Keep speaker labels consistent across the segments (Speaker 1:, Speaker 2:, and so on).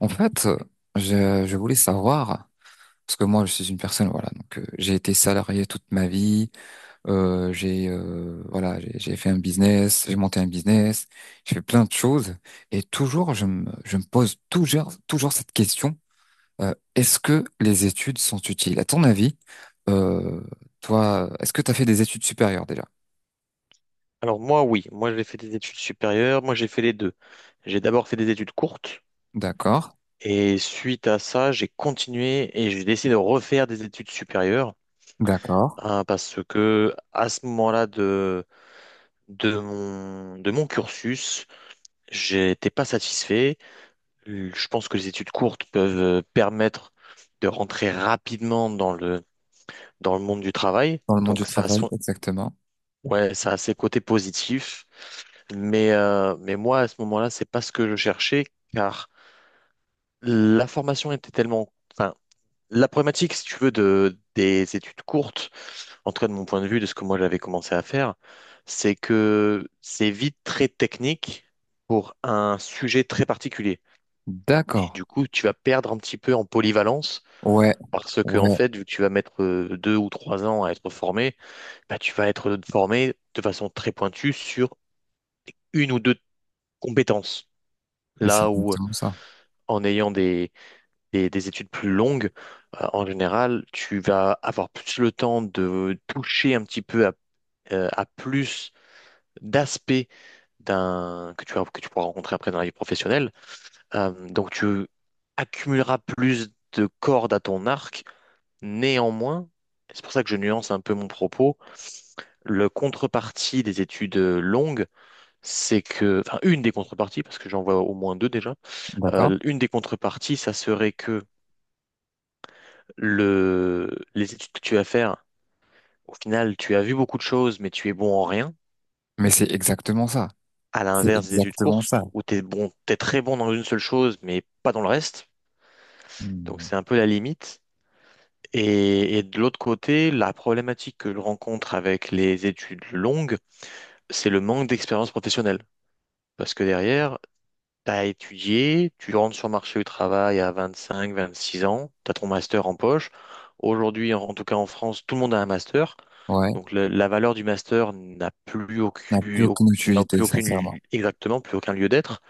Speaker 1: En fait, je voulais savoir, parce que moi, je suis une personne, voilà, donc j'ai été salarié toute ma vie, j'ai voilà, j'ai fait un business, j'ai monté un business, j'ai fait plein de choses, et toujours, je me pose toujours cette question, est-ce que les études sont utiles? À ton avis, euh, toi, est-ce que tu as fait des études supérieures déjà?
Speaker 2: Alors moi, oui, moi j'ai fait des études supérieures, moi j'ai fait les deux. J'ai d'abord fait des études courtes
Speaker 1: D'accord,
Speaker 2: et suite à ça, j'ai continué et j'ai décidé de refaire des études supérieures
Speaker 1: d'accord.
Speaker 2: hein, parce que à ce moment-là de mon cursus, j'étais pas satisfait. Je pense que les études courtes peuvent permettre de rentrer rapidement dans le monde du travail.
Speaker 1: Dans le monde
Speaker 2: Donc
Speaker 1: du
Speaker 2: ça a Ouais.
Speaker 1: travail, exactement.
Speaker 2: Ouais, ça a ses côtés positifs. Mais, moi, à ce moment-là, c'est pas ce que je cherchais, car la formation était tellement. Enfin, la problématique, si tu veux, des études courtes, en tout cas de mon point de vue, de ce que moi j'avais commencé à faire, c'est que c'est vite très technique pour un sujet très particulier. Et
Speaker 1: D'accord.
Speaker 2: du coup, tu vas perdre un petit peu en polyvalence,
Speaker 1: Ouais,
Speaker 2: parce que, en
Speaker 1: ouais,
Speaker 2: fait, vu que tu vas mettre 2 ou 3 ans à être formé, bah, tu vas être formé de façon très pointue sur une ou deux compétences.
Speaker 1: mais c'est
Speaker 2: Là où
Speaker 1: exactement ça.
Speaker 2: en ayant des études plus longues, en général, tu vas avoir plus le temps de toucher un petit peu à plus d'aspects d'un que que tu pourras rencontrer après dans la vie professionnelle. Donc, tu accumuleras plus de cordes à ton arc. Néanmoins, c'est pour ça que je nuance un peu mon propos, le contrepartie des études longues, c'est que, enfin, une des contreparties, parce que j'en vois au moins deux déjà,
Speaker 1: D'accord.
Speaker 2: une des contreparties, ça serait que le, les études que tu vas faire, au final, tu as vu beaucoup de choses, mais tu es bon en rien.
Speaker 1: Mais c'est exactement ça.
Speaker 2: À
Speaker 1: C'est
Speaker 2: l'inverse des études
Speaker 1: exactement ça.
Speaker 2: courtes, où tu es bon, t'es très bon dans une seule chose, mais pas dans le reste. Donc,
Speaker 1: Hmm.
Speaker 2: c'est un peu la limite. Et, de l'autre côté, la problématique que je rencontre avec les études longues, c'est le manque d'expérience professionnelle. Parce que derrière, t'as étudié, tu rentres sur le marché du travail à 25, 26 ans, t'as ton master en poche. Aujourd'hui, en tout cas en France, tout le monde a un master.
Speaker 1: Ouais,
Speaker 2: Donc la valeur du master n'a plus
Speaker 1: n'a plus
Speaker 2: aucune,
Speaker 1: aucune utilité, sincèrement.
Speaker 2: exactement, plus aucun lieu d'être.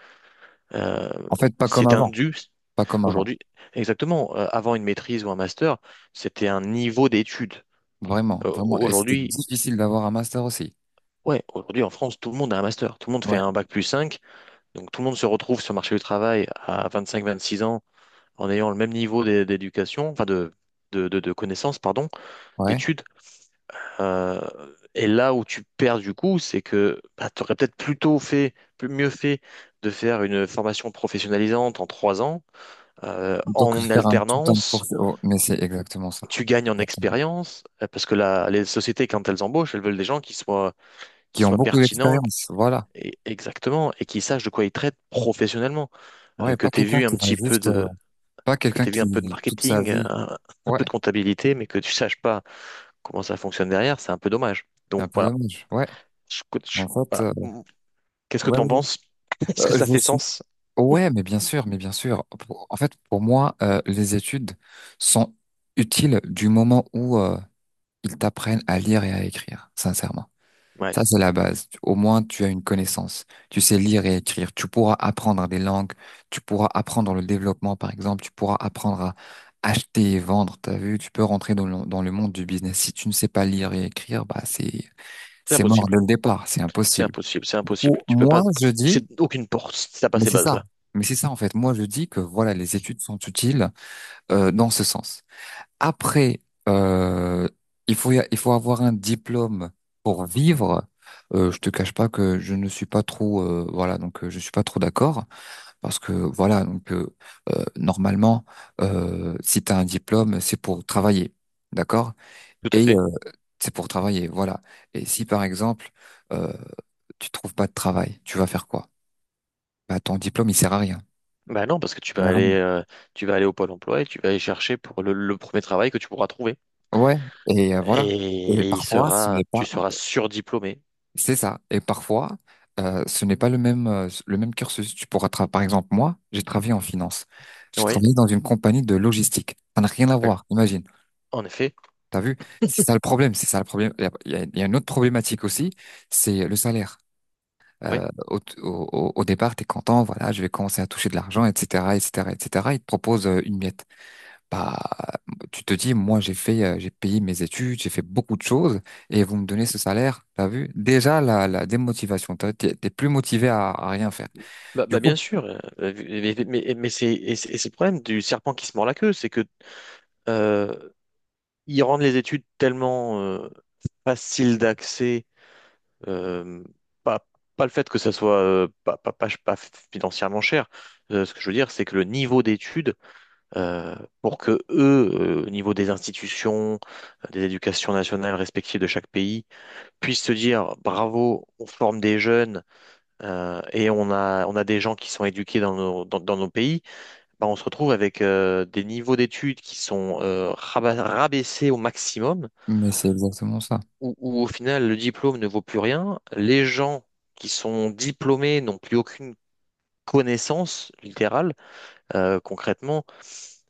Speaker 2: Euh,
Speaker 1: En fait, pas comme
Speaker 2: c'est un
Speaker 1: avant.
Speaker 2: dû
Speaker 1: Pas comme avant.
Speaker 2: aujourd'hui. Exactement, avant une maîtrise ou un master, c'était un niveau d'études.
Speaker 1: Vraiment, vraiment. Et c'était
Speaker 2: Aujourd'hui,
Speaker 1: difficile d'avoir un master aussi.
Speaker 2: ouais, aujourd'hui en France, tout le monde a un master. Tout le monde fait
Speaker 1: Ouais,
Speaker 2: un bac plus cinq. Donc tout le monde se retrouve sur le marché du travail à 25-26 ans en ayant le même niveau d'éducation, enfin de connaissances, pardon,
Speaker 1: ouais.
Speaker 2: d'études. Euh, et là où tu perds du coup, c'est que bah, tu aurais peut-être plutôt fait, plus mieux fait de faire une formation professionnalisante en 3 ans,
Speaker 1: Plutôt que de
Speaker 2: en
Speaker 1: faire un tout un cours.
Speaker 2: alternance.
Speaker 1: Oh, mais c'est exactement ça.
Speaker 2: Tu gagnes en
Speaker 1: Exactement.
Speaker 2: expérience, parce que les sociétés, quand elles embauchent, elles veulent des gens qui soient, qui
Speaker 1: Qui ont
Speaker 2: soient
Speaker 1: beaucoup
Speaker 2: pertinents,
Speaker 1: d'expérience. Voilà.
Speaker 2: exactement, et qui sachent de quoi ils traitent professionnellement.
Speaker 1: Ouais,
Speaker 2: Que
Speaker 1: pas
Speaker 2: tu aies
Speaker 1: quelqu'un
Speaker 2: vu
Speaker 1: qui
Speaker 2: un
Speaker 1: va
Speaker 2: petit peu
Speaker 1: juste,
Speaker 2: de,
Speaker 1: pas
Speaker 2: que
Speaker 1: quelqu'un
Speaker 2: tu aies vu un peu de
Speaker 1: qui, toute sa
Speaker 2: marketing,
Speaker 1: vie.
Speaker 2: un
Speaker 1: Ouais,
Speaker 2: peu de comptabilité, mais que tu saches pas comment ça fonctionne derrière, c'est un peu dommage.
Speaker 1: c'est un
Speaker 2: Donc
Speaker 1: peu
Speaker 2: voilà.
Speaker 1: dommage. Ouais. En fait,
Speaker 2: Voilà. Qu'est-ce que
Speaker 1: ouais,
Speaker 2: tu en
Speaker 1: ouais.
Speaker 2: penses? Est-ce que ça
Speaker 1: Je
Speaker 2: fait
Speaker 1: suis
Speaker 2: sens?
Speaker 1: Ouais, mais bien sûr, mais bien sûr. En fait, pour moi, les études sont utiles du moment où ils t'apprennent à lire et à écrire, sincèrement.
Speaker 2: Ouais,
Speaker 1: Ça, c'est la base. Au moins, tu as une connaissance. Tu sais lire et écrire. Tu pourras apprendre des langues. Tu pourras apprendre le développement, par exemple. Tu pourras apprendre à acheter et vendre. T'as vu, tu peux rentrer dans le monde du business. Si tu ne sais pas lire et écrire, bah, c'est,
Speaker 2: c'est
Speaker 1: c'est mort dès
Speaker 2: impossible.
Speaker 1: le départ. C'est
Speaker 2: C'est
Speaker 1: impossible.
Speaker 2: impossible, c'est
Speaker 1: Du
Speaker 2: impossible.
Speaker 1: coup,
Speaker 2: Tu peux
Speaker 1: moi,
Speaker 2: pas,
Speaker 1: je dis,
Speaker 2: c'est aucune porte si t'as pas
Speaker 1: mais
Speaker 2: ces
Speaker 1: c'est ça.
Speaker 2: bases-là.
Speaker 1: Mais c'est ça en fait. Moi, je dis que voilà, les études sont utiles dans ce sens. Après, euh, il faut avoir un diplôme pour vivre. Je te cache pas que je ne suis pas trop voilà, donc je suis pas trop d'accord parce que voilà, donc normalement, si tu as un diplôme c'est pour travailler, d'accord?
Speaker 2: Tout à
Speaker 1: Et
Speaker 2: fait.
Speaker 1: c'est pour travailler, voilà. Et si par exemple euh, tu trouves pas de travail, tu vas faire quoi? Bah ton diplôme il sert à rien.
Speaker 2: Bah non, parce que tu vas aller, au Pôle emploi et tu vas aller chercher pour le premier travail que tu pourras trouver.
Speaker 1: Ouais, et voilà.
Speaker 2: Et,
Speaker 1: Et
Speaker 2: et il
Speaker 1: parfois, ce
Speaker 2: sera,
Speaker 1: n'est
Speaker 2: tu
Speaker 1: pas,
Speaker 2: seras surdiplômé.
Speaker 1: c'est ça. Et parfois, ce n'est pas le même, le même cursus. Tu pourras, par exemple, moi, j'ai travaillé en finance. J'ai
Speaker 2: Oui.
Speaker 1: travaillé dans une compagnie de logistique. Ça n'a rien à voir, imagine.
Speaker 2: En effet,
Speaker 1: T'as vu? C'est ça le problème. C'est ça le problème. Il y a une autre problématique aussi, c'est le salaire.
Speaker 2: oui.
Speaker 1: Au départ, t'es content, voilà, je vais commencer à toucher de l'argent, etc., etc., etc. Ils te proposent une miette. Bah, tu te dis, moi, j'ai payé mes études, j'ai fait beaucoup de choses, et vous me donnez ce salaire, t'as vu? Déjà, la démotivation, t'es plus motivé à rien faire.
Speaker 2: Bah,
Speaker 1: Du
Speaker 2: bah,
Speaker 1: coup,
Speaker 2: bien sûr. Mais c'est le problème du serpent qui se mord la queue, c'est que euh, ils rendent les études tellement faciles d'accès, euh, pas, pas le fait que ça soit pas financièrement cher. Ce que je veux dire, c'est que le niveau d'études, euh, pour que eux, au niveau des institutions, des éducations nationales respectives de chaque pays, puissent se dire bravo, on forme des jeunes. Et on a des gens qui sont éduqués dans nos pays, bah, on se retrouve avec des niveaux d'études qui sont rabaissés au maximum,
Speaker 1: mais c'est exactement ça.
Speaker 2: où au final le diplôme ne vaut plus rien. Les gens qui sont diplômés n'ont plus aucune connaissance littérale. Concrètement,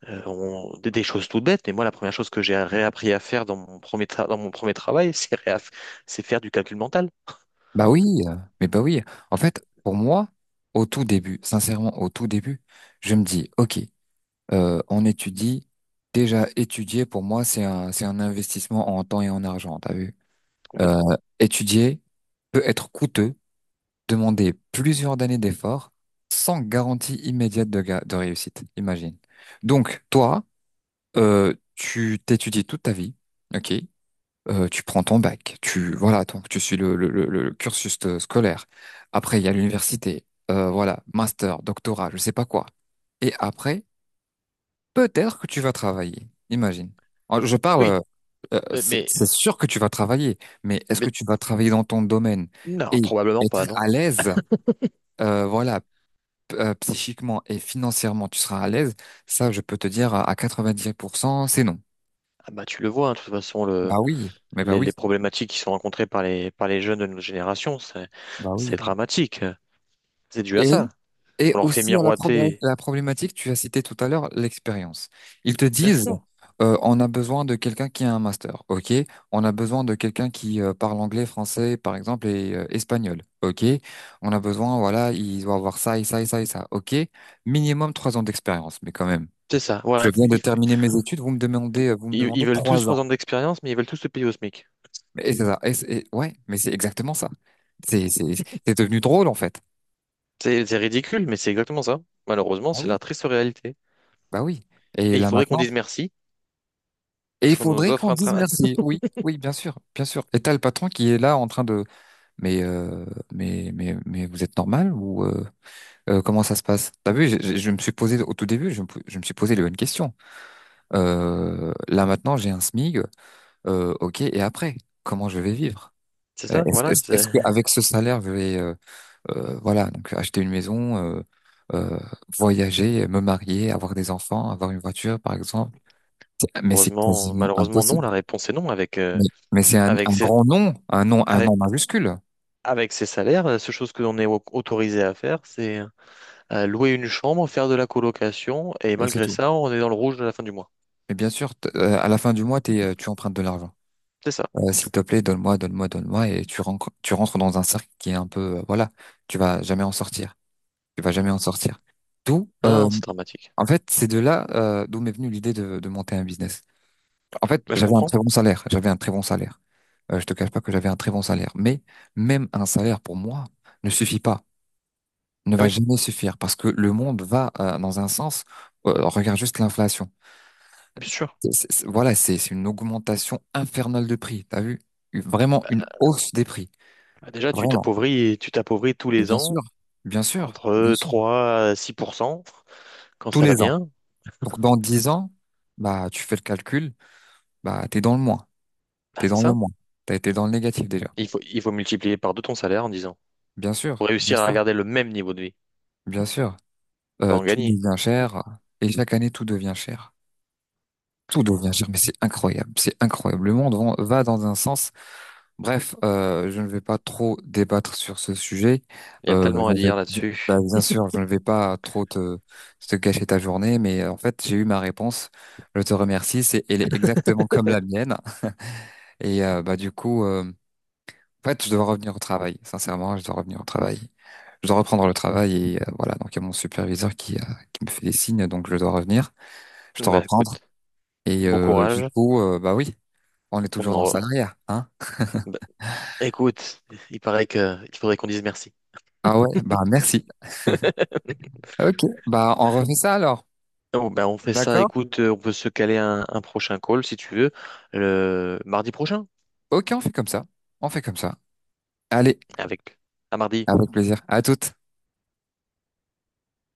Speaker 2: des choses toutes bêtes. Mais moi, la première chose que j'ai réappris à faire dans dans mon premier travail, c'est faire du calcul mental,
Speaker 1: Bah oui, mais bah oui. En fait, pour moi, au tout début, sincèrement, au tout début, je me dis, ok, on étudie. Déjà, étudier, pour moi, c'est un investissement en temps et en argent, t'as vu? Euh,
Speaker 2: complètement.
Speaker 1: étudier peut être coûteux demander plusieurs années d'efforts sans garantie immédiate de réussite, imagine. Donc, toi, tu t'étudies toute ta vie, ok? Tu prends ton bac, tu voilà, donc tu suis le cursus scolaire. Après, il y a l'université, voilà, master, doctorat, je sais pas quoi. Et après, peut-être que tu vas travailler, imagine. Alors,
Speaker 2: Oui, mais,
Speaker 1: c'est
Speaker 2: mais
Speaker 1: c'est sûr que tu vas travailler, mais est-ce que
Speaker 2: mais
Speaker 1: tu vas travailler dans ton domaine
Speaker 2: non,
Speaker 1: et
Speaker 2: probablement
Speaker 1: être
Speaker 2: pas, non.
Speaker 1: à l'aise? Voilà, psychiquement et financièrement tu seras à l'aise, ça je peux te dire à 90% c'est non.
Speaker 2: Ah bah, tu le vois, hein, de toute façon, le,
Speaker 1: Bah oui, mais bah
Speaker 2: les,
Speaker 1: oui,
Speaker 2: les problématiques qui sont rencontrées par les jeunes de notre génération, c'est,
Speaker 1: bah
Speaker 2: c'est
Speaker 1: oui.
Speaker 2: dramatique. C'est dû à
Speaker 1: Et,
Speaker 2: ça.
Speaker 1: oui, et
Speaker 2: On leur fait
Speaker 1: aussi à
Speaker 2: miroiter.
Speaker 1: la problématique, tu as cité tout à l'heure l'expérience. Ils te
Speaker 2: Bien
Speaker 1: disent,
Speaker 2: sûr,
Speaker 1: on a besoin de quelqu'un qui a un master, ok? On a besoin de quelqu'un qui parle anglais, français, par exemple, et espagnol, ok? On a besoin, voilà, il doit avoir ça et ça et ça et ça, ok? Minimum 3 ans d'expérience, mais quand même.
Speaker 2: c'est ça.
Speaker 1: Je
Speaker 2: Voilà,
Speaker 1: viens de
Speaker 2: ils,
Speaker 1: terminer mes études, vous me
Speaker 2: ils- ils
Speaker 1: demandez
Speaker 2: veulent tous
Speaker 1: trois
Speaker 2: trois
Speaker 1: ans.
Speaker 2: ans d'expérience, mais ils veulent tous se payer au SMIC.
Speaker 1: Et c'est ça. Ouais, mais c'est exactement ça. C'est, c'est, c'est devenu drôle, en fait.
Speaker 2: C'est ridicule, mais c'est exactement ça. Malheureusement,
Speaker 1: Ah
Speaker 2: c'est
Speaker 1: oui.
Speaker 2: la triste réalité.
Speaker 1: Bah oui. Et
Speaker 2: Et il
Speaker 1: là
Speaker 2: faudrait qu'on
Speaker 1: maintenant,
Speaker 2: dise merci,
Speaker 1: et
Speaker 2: parce
Speaker 1: il
Speaker 2: qu'on nous
Speaker 1: faudrait qu'on
Speaker 2: offre un
Speaker 1: dise
Speaker 2: travail.
Speaker 1: merci. Oui, oui, bien sûr, bien sûr. Et t'as le patron qui est là en train de, mais, euh, mais vous êtes normal ou comment ça se passe? T'as vu, je me suis posé au tout début, je me suis posé les bonnes questions. Là maintenant, j'ai un SMIG. Ok, et après, comment je vais vivre?
Speaker 2: C'est
Speaker 1: Euh,
Speaker 2: ça,
Speaker 1: Est-ce,
Speaker 2: voilà.
Speaker 1: est-ce est-ce que avec ce salaire, je vais, voilà, donc acheter une maison, euh, voyager, me marier, avoir des enfants, avoir une voiture, par exemple. Mais c'est
Speaker 2: Heureusement,
Speaker 1: quasiment
Speaker 2: malheureusement, non.
Speaker 1: impossible.
Speaker 2: La réponse est non.
Speaker 1: Mais, mais c'est un,
Speaker 2: Avec, ces,
Speaker 1: grand nom, un nom, un
Speaker 2: avec,
Speaker 1: nom majuscule,
Speaker 2: avec ces salaires, la seule chose que l'on est autorisé à faire, c'est, louer une chambre, faire de la colocation, et
Speaker 1: et c'est
Speaker 2: malgré
Speaker 1: tout.
Speaker 2: ça, on est dans le rouge à la fin du mois.
Speaker 1: Et bien sûr, à la fin du mois, t'es, tu empruntes de l'argent.
Speaker 2: C'est ça.
Speaker 1: S'il te plaît, donne-moi, donne-moi, donne-moi, et tu rentres dans un cercle qui est un peu, voilà, tu vas jamais en sortir. Tu vas jamais en sortir. D'où,
Speaker 2: Ah
Speaker 1: euh,
Speaker 2: non, c'est dramatique.
Speaker 1: En fait, c'est de là, d'où m'est venue l'idée de monter un business. En fait,
Speaker 2: Bah, je
Speaker 1: j'avais un
Speaker 2: comprends.
Speaker 1: très bon salaire. J'avais un très bon salaire. Je te cache pas que j'avais un très bon salaire. Mais même un salaire pour moi ne suffit pas, ne
Speaker 2: Ah
Speaker 1: va
Speaker 2: oui,
Speaker 1: jamais suffire parce que le monde va dans un sens. Regarde juste l'inflation.
Speaker 2: bien sûr.
Speaker 1: Voilà, c'est une augmentation infernale de prix. T'as vu? Vraiment une hausse des prix.
Speaker 2: Bah, déjà, tu
Speaker 1: Vraiment.
Speaker 2: t'appauvris, tu t'appauvris tous
Speaker 1: Et
Speaker 2: les
Speaker 1: bien
Speaker 2: ans,
Speaker 1: sûr, bien sûr, bien
Speaker 2: entre
Speaker 1: sûr.
Speaker 2: 3 à 6% quand
Speaker 1: Tous
Speaker 2: ça va
Speaker 1: les ans.
Speaker 2: bien.
Speaker 1: Donc dans 10 ans, bah tu fais le calcul, bah t'es dans le moins.
Speaker 2: Bah,
Speaker 1: T'es
Speaker 2: c'est
Speaker 1: dans le
Speaker 2: ça.
Speaker 1: moins. T'as été dans le négatif déjà.
Speaker 2: Il faut multiplier par deux ton salaire en disant,
Speaker 1: Bien sûr,
Speaker 2: pour
Speaker 1: bien
Speaker 2: réussir
Speaker 1: sûr,
Speaker 2: à garder le même niveau de vie,
Speaker 1: bien sûr.
Speaker 2: pas en
Speaker 1: Tout
Speaker 2: gagner.
Speaker 1: devient cher et chaque année tout devient cher. Tout devient cher, mais c'est incroyable, c'est incroyable. Le monde va dans un sens. Bref, je ne vais pas trop débattre sur ce sujet.
Speaker 2: Il y a tellement
Speaker 1: Je
Speaker 2: à
Speaker 1: ne
Speaker 2: dire
Speaker 1: vais- Bah,
Speaker 2: là-dessus.
Speaker 1: bien sûr, je ne vais pas trop te gâcher ta journée, mais en fait, j'ai eu ma réponse. Je te remercie. Elle est exactement comme la mienne. Et bah du coup, en fait, je dois revenir au travail. Sincèrement, je dois revenir au travail. Je dois reprendre le travail et voilà. Donc il y a mon superviseur qui me fait des signes, donc je dois revenir. Je t'en
Speaker 2: Bah
Speaker 1: reprendre.
Speaker 2: écoute,
Speaker 1: Et
Speaker 2: bon
Speaker 1: du
Speaker 2: courage.
Speaker 1: coup, bah oui, on est
Speaker 2: On
Speaker 1: toujours
Speaker 2: en...
Speaker 1: dans le
Speaker 2: re-
Speaker 1: salariat, hein?
Speaker 2: Bah, écoute, il paraît que il faudrait qu'on dise merci.
Speaker 1: Ah ouais, bah merci. Ok, bah on refait ça alors.
Speaker 2: Oh, ben, on fait ça,
Speaker 1: D'accord?
Speaker 2: écoute, on peut se caler un prochain call si tu veux, le mardi prochain,
Speaker 1: Ok, on fait comme ça. On fait comme ça. Allez,
Speaker 2: avec à mardi.
Speaker 1: avec plaisir. À toutes.